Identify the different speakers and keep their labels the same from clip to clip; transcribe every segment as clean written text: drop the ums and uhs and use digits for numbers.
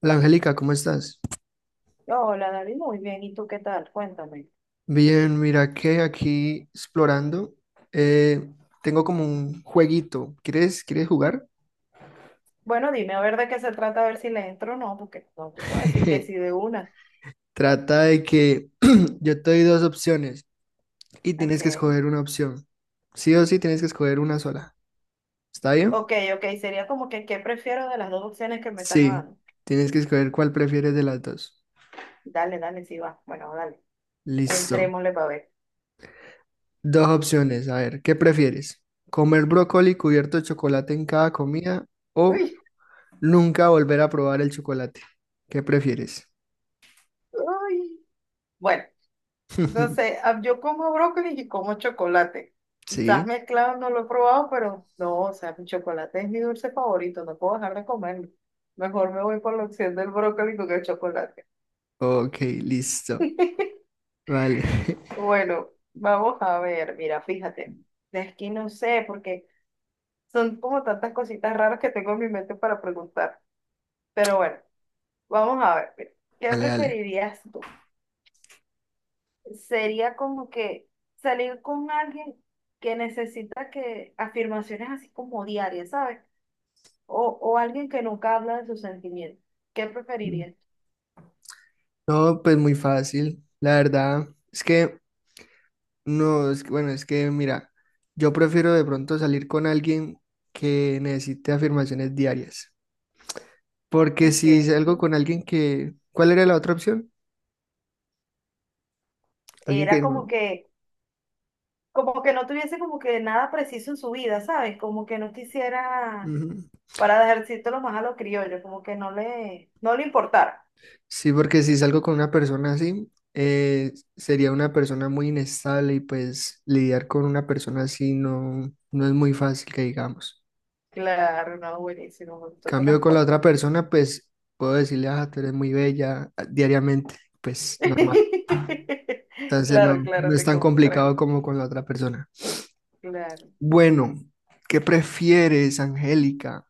Speaker 1: Hola Angélica, ¿cómo estás?
Speaker 2: Hola, David, muy bien. ¿Y tú qué tal? Cuéntame.
Speaker 1: Bien, mira que aquí explorando, eh, tengo como un jueguito. ¿Quieres jugar?
Speaker 2: Bueno, dime a ver de qué se trata, a ver si le entro o no, porque no te puedo decir que sí de una.
Speaker 1: Trata de que yo te doy dos opciones y
Speaker 2: Ok.
Speaker 1: tienes que escoger una opción. Sí o sí tienes que escoger una sola. ¿Está bien?
Speaker 2: Ok, ok. Sería como que qué prefiero de las dos opciones que me estás
Speaker 1: Sí,
Speaker 2: dando.
Speaker 1: tienes que escoger cuál prefieres de las dos.
Speaker 2: Dale, dale, sí va. Bueno, dale.
Speaker 1: Listo.
Speaker 2: Entrémosle para ver.
Speaker 1: Dos opciones. A ver, ¿qué prefieres? ¿Comer brócoli cubierto de chocolate en cada comida o
Speaker 2: Uy,
Speaker 1: nunca volver a probar el chocolate? ¿Qué prefieres?
Speaker 2: uy. Bueno, entonces yo como brócoli y como chocolate. Quizás
Speaker 1: Sí.
Speaker 2: mezclado no lo he probado, pero no, o sea, mi chocolate es mi dulce favorito, no puedo dejar de comerlo. Mejor me voy por la opción del brócoli con el chocolate.
Speaker 1: Ok, listo. Vale.
Speaker 2: Bueno, vamos a ver, mira, fíjate, es que no sé, porque son como tantas cositas raras que tengo en mi mente para preguntar. Pero bueno, vamos a ver, mira, ¿qué
Speaker 1: Dale, dale.
Speaker 2: preferirías tú? Sería como que salir con alguien que necesita que afirmaciones así como diarias, ¿sabes? O alguien que nunca habla de sus sentimientos. ¿Qué preferirías?
Speaker 1: No, pues muy fácil. La verdad es que no, es que, bueno, es que mira, yo prefiero de pronto salir con alguien que necesite afirmaciones diarias. Porque
Speaker 2: Uy,
Speaker 1: si
Speaker 2: qué
Speaker 1: salgo con alguien que, ¿cuál era la otra opción? Alguien que
Speaker 2: era
Speaker 1: no.
Speaker 2: como que no tuviese como que nada preciso en su vida, ¿sabes? Como que no quisiera
Speaker 1: Ujú.
Speaker 2: para dejárselos más a los criollos, como que no le importara.
Speaker 1: Sí, porque si salgo con una persona así, sería una persona muy inestable y pues lidiar con una persona así no, no es muy fácil que digamos.
Speaker 2: Claro, no, buenísimo, me gustó tu
Speaker 1: Cambio con la otra
Speaker 2: respuesta.
Speaker 1: persona, pues puedo decirle, ah, tú eres muy bella, ah, diariamente, pues normal. Entonces no,
Speaker 2: Claro,
Speaker 1: no
Speaker 2: claro,
Speaker 1: es
Speaker 2: te
Speaker 1: tan complicado
Speaker 2: comprendo.
Speaker 1: como con la otra persona.
Speaker 2: Claro.
Speaker 1: Bueno, ¿qué prefieres, Angélica?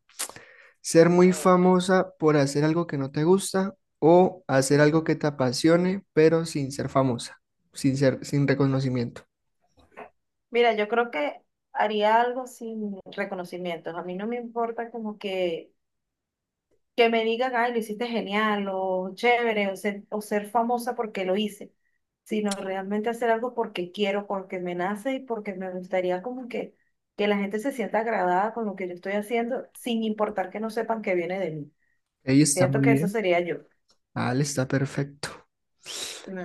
Speaker 1: Ser
Speaker 2: Ah,
Speaker 1: muy
Speaker 2: bueno.
Speaker 1: famosa por hacer algo que no te gusta o hacer algo que te apasione, pero sin ser famosa, sin reconocimiento.
Speaker 2: Mira, yo creo que haría algo sin reconocimientos. A mí no me importa como que me digan, ay, lo hiciste genial o chévere o ser famosa porque lo hice, sino realmente hacer algo porque quiero, porque me nace y porque me gustaría como que la gente se sienta agradada con lo que yo estoy haciendo, sin importar que no sepan que viene de mí.
Speaker 1: Ahí está
Speaker 2: Siento
Speaker 1: muy
Speaker 2: que eso
Speaker 1: bien.
Speaker 2: sería yo.
Speaker 1: Ale está perfecto.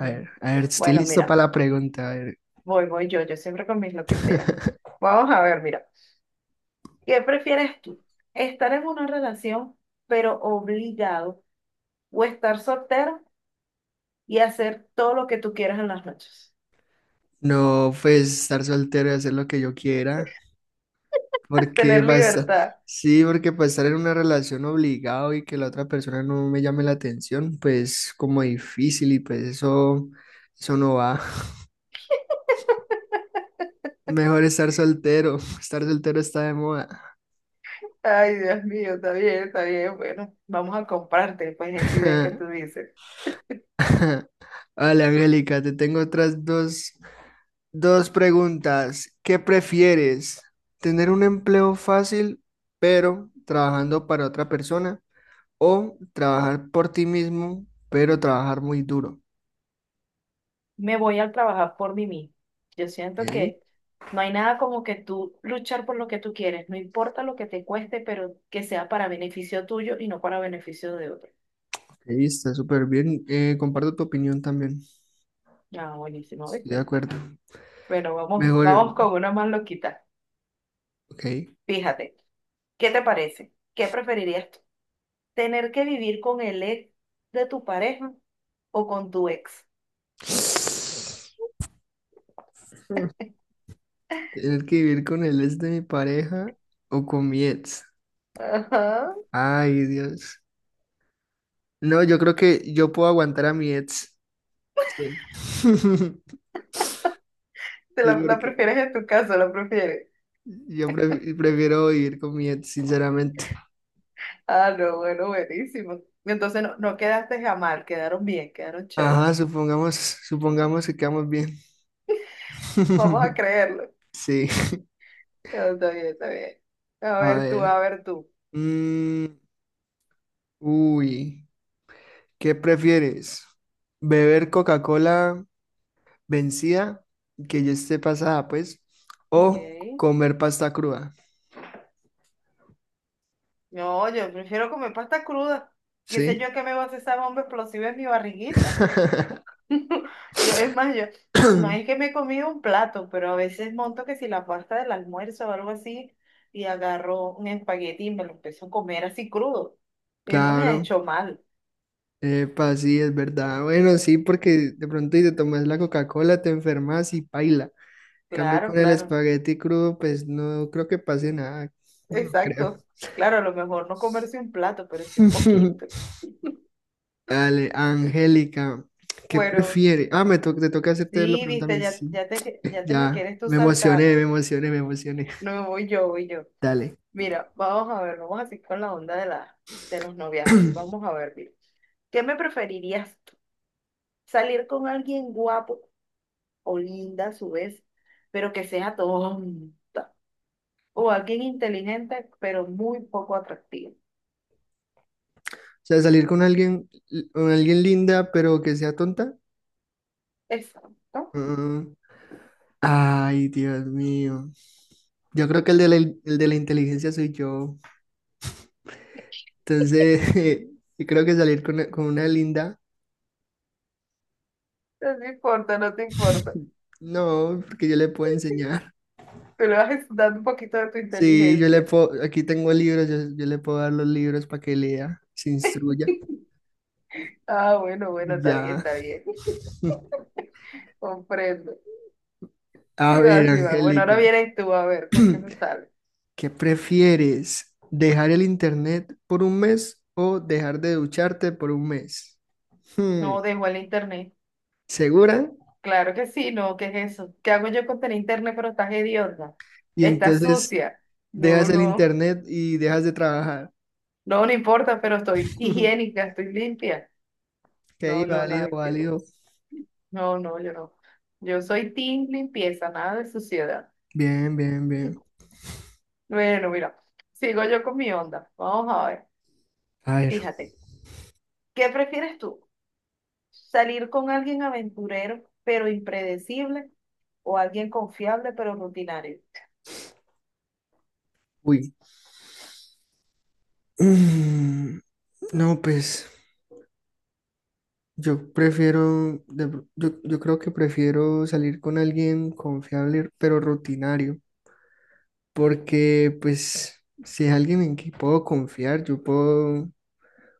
Speaker 1: A ver, estoy
Speaker 2: Bueno,
Speaker 1: listo
Speaker 2: mira,
Speaker 1: para la pregunta. A ver.
Speaker 2: voy yo, yo siempre con mis loqueteras. Vamos a ver, mira, ¿qué prefieres tú? ¿Estar en una relación pero obligado o estar soltero? Y hacer todo lo que tú quieras en las noches.
Speaker 1: No, pues estar soltero y hacer lo que yo quiera, porque
Speaker 2: Tener
Speaker 1: basta.
Speaker 2: libertad.
Speaker 1: Sí, porque para estar en una relación obligado y que la otra persona no me llame la atención, pues como difícil y pues eso no va. Mejor estar soltero. Estar soltero está de moda.
Speaker 2: Ay, Dios mío, está bien, está bien. Bueno, vamos a comprarte, pues, esa idea que tú dices.
Speaker 1: Vale, Angélica, te tengo otras dos preguntas. ¿Qué prefieres? ¿Tener un empleo fácil, pero trabajando para otra persona? ¿O trabajar por ti mismo, pero trabajar muy duro?
Speaker 2: Me voy a trabajar por mí mismo. Yo siento
Speaker 1: Ok,
Speaker 2: que no hay nada como que tú luchar por lo que tú quieres, no importa lo que te cueste, pero que sea para beneficio tuyo y no para beneficio de otro.
Speaker 1: ok, está súper bien. Comparto tu opinión también.
Speaker 2: Ah, buenísimo,
Speaker 1: Estoy de
Speaker 2: ¿viste?
Speaker 1: acuerdo.
Speaker 2: Bueno vamos,
Speaker 1: Mejor,
Speaker 2: vamos con una más loquita.
Speaker 1: ok.
Speaker 2: Fíjate, ¿qué te parece? ¿Qué preferirías tener que vivir con el ex de tu pareja o con tu ex?
Speaker 1: Tener que vivir con el ex de mi pareja o con mi ex.
Speaker 2: Ajá.
Speaker 1: Ay, Dios. No, yo creo que yo puedo aguantar a mi ex. Sí.
Speaker 2: ¿Te
Speaker 1: Sí,
Speaker 2: la
Speaker 1: porque
Speaker 2: prefieres en tu caso? ¿La prefieres?
Speaker 1: yo prefiero vivir con mi ex, sinceramente.
Speaker 2: Ah, no, bueno, buenísimo. Entonces no, no quedaste mal, quedaron bien, quedaron chévere.
Speaker 1: Ajá, supongamos, supongamos que quedamos bien.
Speaker 2: Vamos a creerlo.
Speaker 1: Sí.
Speaker 2: Ah, está bien, está bien. A
Speaker 1: A
Speaker 2: ver tú,
Speaker 1: ver.
Speaker 2: a ver tú.
Speaker 1: Mm, uy, ¿qué prefieres? ¿Beber Coca-Cola vencida, que ya esté pasada, pues,
Speaker 2: Ok.
Speaker 1: o comer pasta cruda?
Speaker 2: No, yo prefiero comer pasta cruda. ¿Qué sé
Speaker 1: ¿Sí?
Speaker 2: yo que me va a hacer esa bomba explosiva en mi barriguita? Yo, es más, yo, no es que me he comido un plato, pero a veces monto que si la pasta del almuerzo o algo así, y agarro un espagueti y me lo empiezo a comer así crudo. Y no me ha
Speaker 1: Claro,
Speaker 2: hecho mal.
Speaker 1: epa, sí, es verdad. Bueno, sí, porque de pronto y te tomas la Coca-Cola, te enfermas y paila. Cambio
Speaker 2: Claro,
Speaker 1: con el
Speaker 2: claro.
Speaker 1: espagueti crudo, pues no creo que pase nada. No, no creo.
Speaker 2: Exacto. Claro, a lo mejor no comerse un plato, pero sí un poquito.
Speaker 1: Dale, Angélica, ¿qué
Speaker 2: Bueno,
Speaker 1: prefiere? Ah, te toca hacerte la
Speaker 2: sí,
Speaker 1: pregunta a
Speaker 2: viste,
Speaker 1: mí.
Speaker 2: ya,
Speaker 1: Sí,
Speaker 2: ya te, ya te me
Speaker 1: ya,
Speaker 2: quieres tú
Speaker 1: me
Speaker 2: saltar,
Speaker 1: emocioné, me
Speaker 2: ¿no?
Speaker 1: emocioné, me emocioné.
Speaker 2: No, voy yo, voy yo.
Speaker 1: Dale.
Speaker 2: Mira, vamos a ver, vamos así con la onda de la, de los noviazgos. Vamos a ver, mira. ¿Qué me preferirías? Salir con alguien guapo o linda a su vez, pero que sea tonta. O alguien inteligente, pero muy poco atractivo.
Speaker 1: O sea, salir con alguien linda, pero que sea tonta.
Speaker 2: Exacto.
Speaker 1: Mm, Ay, Dios mío. Yo creo que el de la inteligencia soy yo. Entonces, yo creo que salir con una linda,
Speaker 2: No te importa, no te importa.
Speaker 1: no, porque yo le puedo enseñar.
Speaker 2: Tú le vas dando un poquito de tu
Speaker 1: Sí, yo le
Speaker 2: inteligencia.
Speaker 1: puedo, aquí tengo libros, yo le puedo dar los libros para que lea, se instruya
Speaker 2: Ah, bueno, bueno,
Speaker 1: y
Speaker 2: está bien,
Speaker 1: ya.
Speaker 2: está bien. Comprendo.
Speaker 1: A
Speaker 2: Sí va,
Speaker 1: ver,
Speaker 2: sí va. Bueno, ahora
Speaker 1: Angélica,
Speaker 2: vienes tú a ver con qué me sale.
Speaker 1: ¿qué prefieres? ¿Dejar el internet por un mes o dejar de ducharte por un mes? Hmm,
Speaker 2: No, dejo el internet.
Speaker 1: ¿Segura?
Speaker 2: Claro que sí, no, ¿qué es eso? ¿Qué hago yo con tener internet pero estás hedionda?
Speaker 1: Y
Speaker 2: Estás
Speaker 1: entonces
Speaker 2: sucia. No,
Speaker 1: dejas el
Speaker 2: no.
Speaker 1: internet y dejas de trabajar.
Speaker 2: No, no importa, pero estoy higiénica, estoy limpia.
Speaker 1: Que ahí,
Speaker 2: No, no,
Speaker 1: válido,
Speaker 2: nada que ver.
Speaker 1: válido.
Speaker 2: No, no, yo no. Yo soy team limpieza, nada de suciedad.
Speaker 1: Bien, bien, bien.
Speaker 2: Bueno, mira, sigo yo con mi onda. Vamos a ver.
Speaker 1: A ver,
Speaker 2: Fíjate, ¿qué prefieres tú? ¿Salir con alguien aventurero pero impredecible o alguien confiable pero rutinario?
Speaker 1: uy. Mm, No, pues yo prefiero, yo creo que prefiero salir con alguien confiable, pero rutinario, porque pues si es alguien en que puedo confiar, yo puedo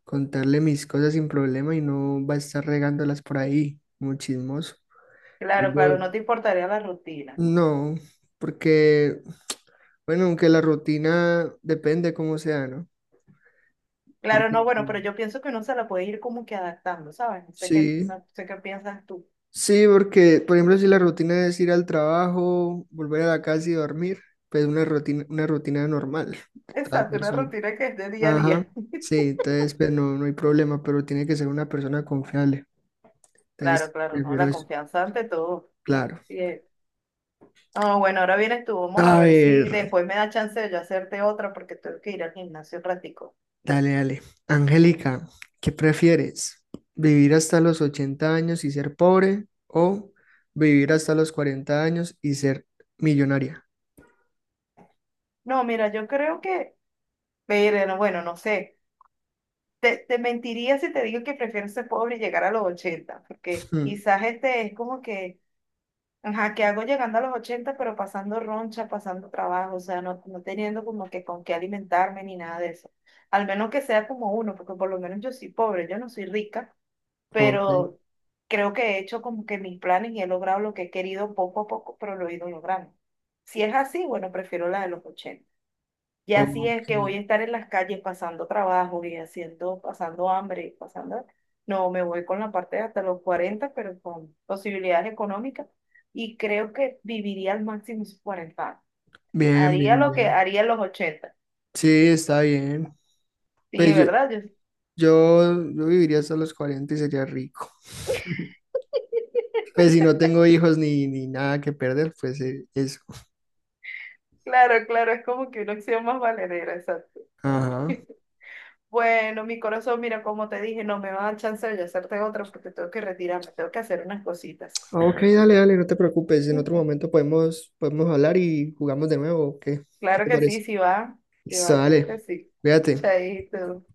Speaker 1: contarle mis cosas sin problema y no va a estar regándolas por ahí, muy chismoso.
Speaker 2: Claro,
Speaker 1: Cambio,
Speaker 2: claro, no te importaría la rutina.
Speaker 1: no, porque, bueno, aunque la rutina depende cómo sea, ¿no?
Speaker 2: Claro,
Speaker 1: Porque
Speaker 2: no, bueno, pero yo pienso que uno se la puede ir como que adaptando, ¿sabes? No sé qué,
Speaker 1: sí,
Speaker 2: no sé qué piensas tú.
Speaker 1: sí, porque, por ejemplo, si la rutina es ir al trabajo, volver a la casa y dormir, pues una rutina normal, cada
Speaker 2: Exacto, una
Speaker 1: persona.
Speaker 2: rutina que es de día a
Speaker 1: Ajá,
Speaker 2: día.
Speaker 1: sí, entonces, pues no, no hay problema, pero tiene que ser una persona confiable.
Speaker 2: Claro,
Speaker 1: Entonces,
Speaker 2: claro, no,
Speaker 1: prefiero
Speaker 2: la
Speaker 1: eso,
Speaker 2: confianza ante todo.
Speaker 1: claro.
Speaker 2: Bien. No, bueno, ahora vienes tú, vamos a
Speaker 1: A
Speaker 2: ver si
Speaker 1: ver.
Speaker 2: después me da chance de yo hacerte otra porque tengo que ir al gimnasio un ratico.
Speaker 1: Dale, dale. Angélica, ¿qué prefieres? ¿Vivir hasta los 80 años y ser pobre o vivir hasta los 40 años y ser millonaria?
Speaker 2: No, mira, yo creo que, pero no, bueno, no sé, te mentiría si te digo que prefiero ser pobre y llegar a los 80 porque
Speaker 1: Mm,
Speaker 2: quizás este es como que, ajá, que hago llegando a los 80 pero pasando roncha, pasando trabajo, o sea, no, no teniendo como que con qué alimentarme ni nada de eso. Al menos que sea como uno, porque por lo menos yo soy pobre, yo no soy rica,
Speaker 1: ok,
Speaker 2: pero creo que he hecho como que mis planes y he logrado lo que he querido poco a poco, pero lo he ido logrando. Si es así, bueno, prefiero la de los 80. Y así es que voy
Speaker 1: ok.
Speaker 2: a estar en las calles pasando trabajo y haciendo, pasando hambre, y pasando... No, me voy con la parte de hasta los 40 pero con posibilidades económicas. Y creo que viviría al máximo esos 40 años.
Speaker 1: Bien,
Speaker 2: Haría
Speaker 1: bien,
Speaker 2: lo que
Speaker 1: bien.
Speaker 2: haría en los 80.
Speaker 1: Sí, está bien.
Speaker 2: Sí,
Speaker 1: Pues yo,
Speaker 2: ¿verdad? Yo-
Speaker 1: yo, yo viviría hasta los 40 y sería rico. Pues si no tengo hijos ni nada que perder, pues eso.
Speaker 2: claro, claro, es como que una opción más valedera.
Speaker 1: Ajá.
Speaker 2: Bueno, mi corazón, mira, como te dije, no me va a dar chance de yo hacerte otra porque tengo que retirarme, tengo que hacer unas cositas.
Speaker 1: Ok, dale, dale, no te preocupes. En otro momento podemos hablar y jugamos de nuevo. ¿O ¿Qué
Speaker 2: Claro
Speaker 1: te
Speaker 2: que
Speaker 1: parece?
Speaker 2: sí, sí
Speaker 1: Listo,
Speaker 2: va, claro que
Speaker 1: dale.
Speaker 2: sí.
Speaker 1: Cuídate.
Speaker 2: Chaito.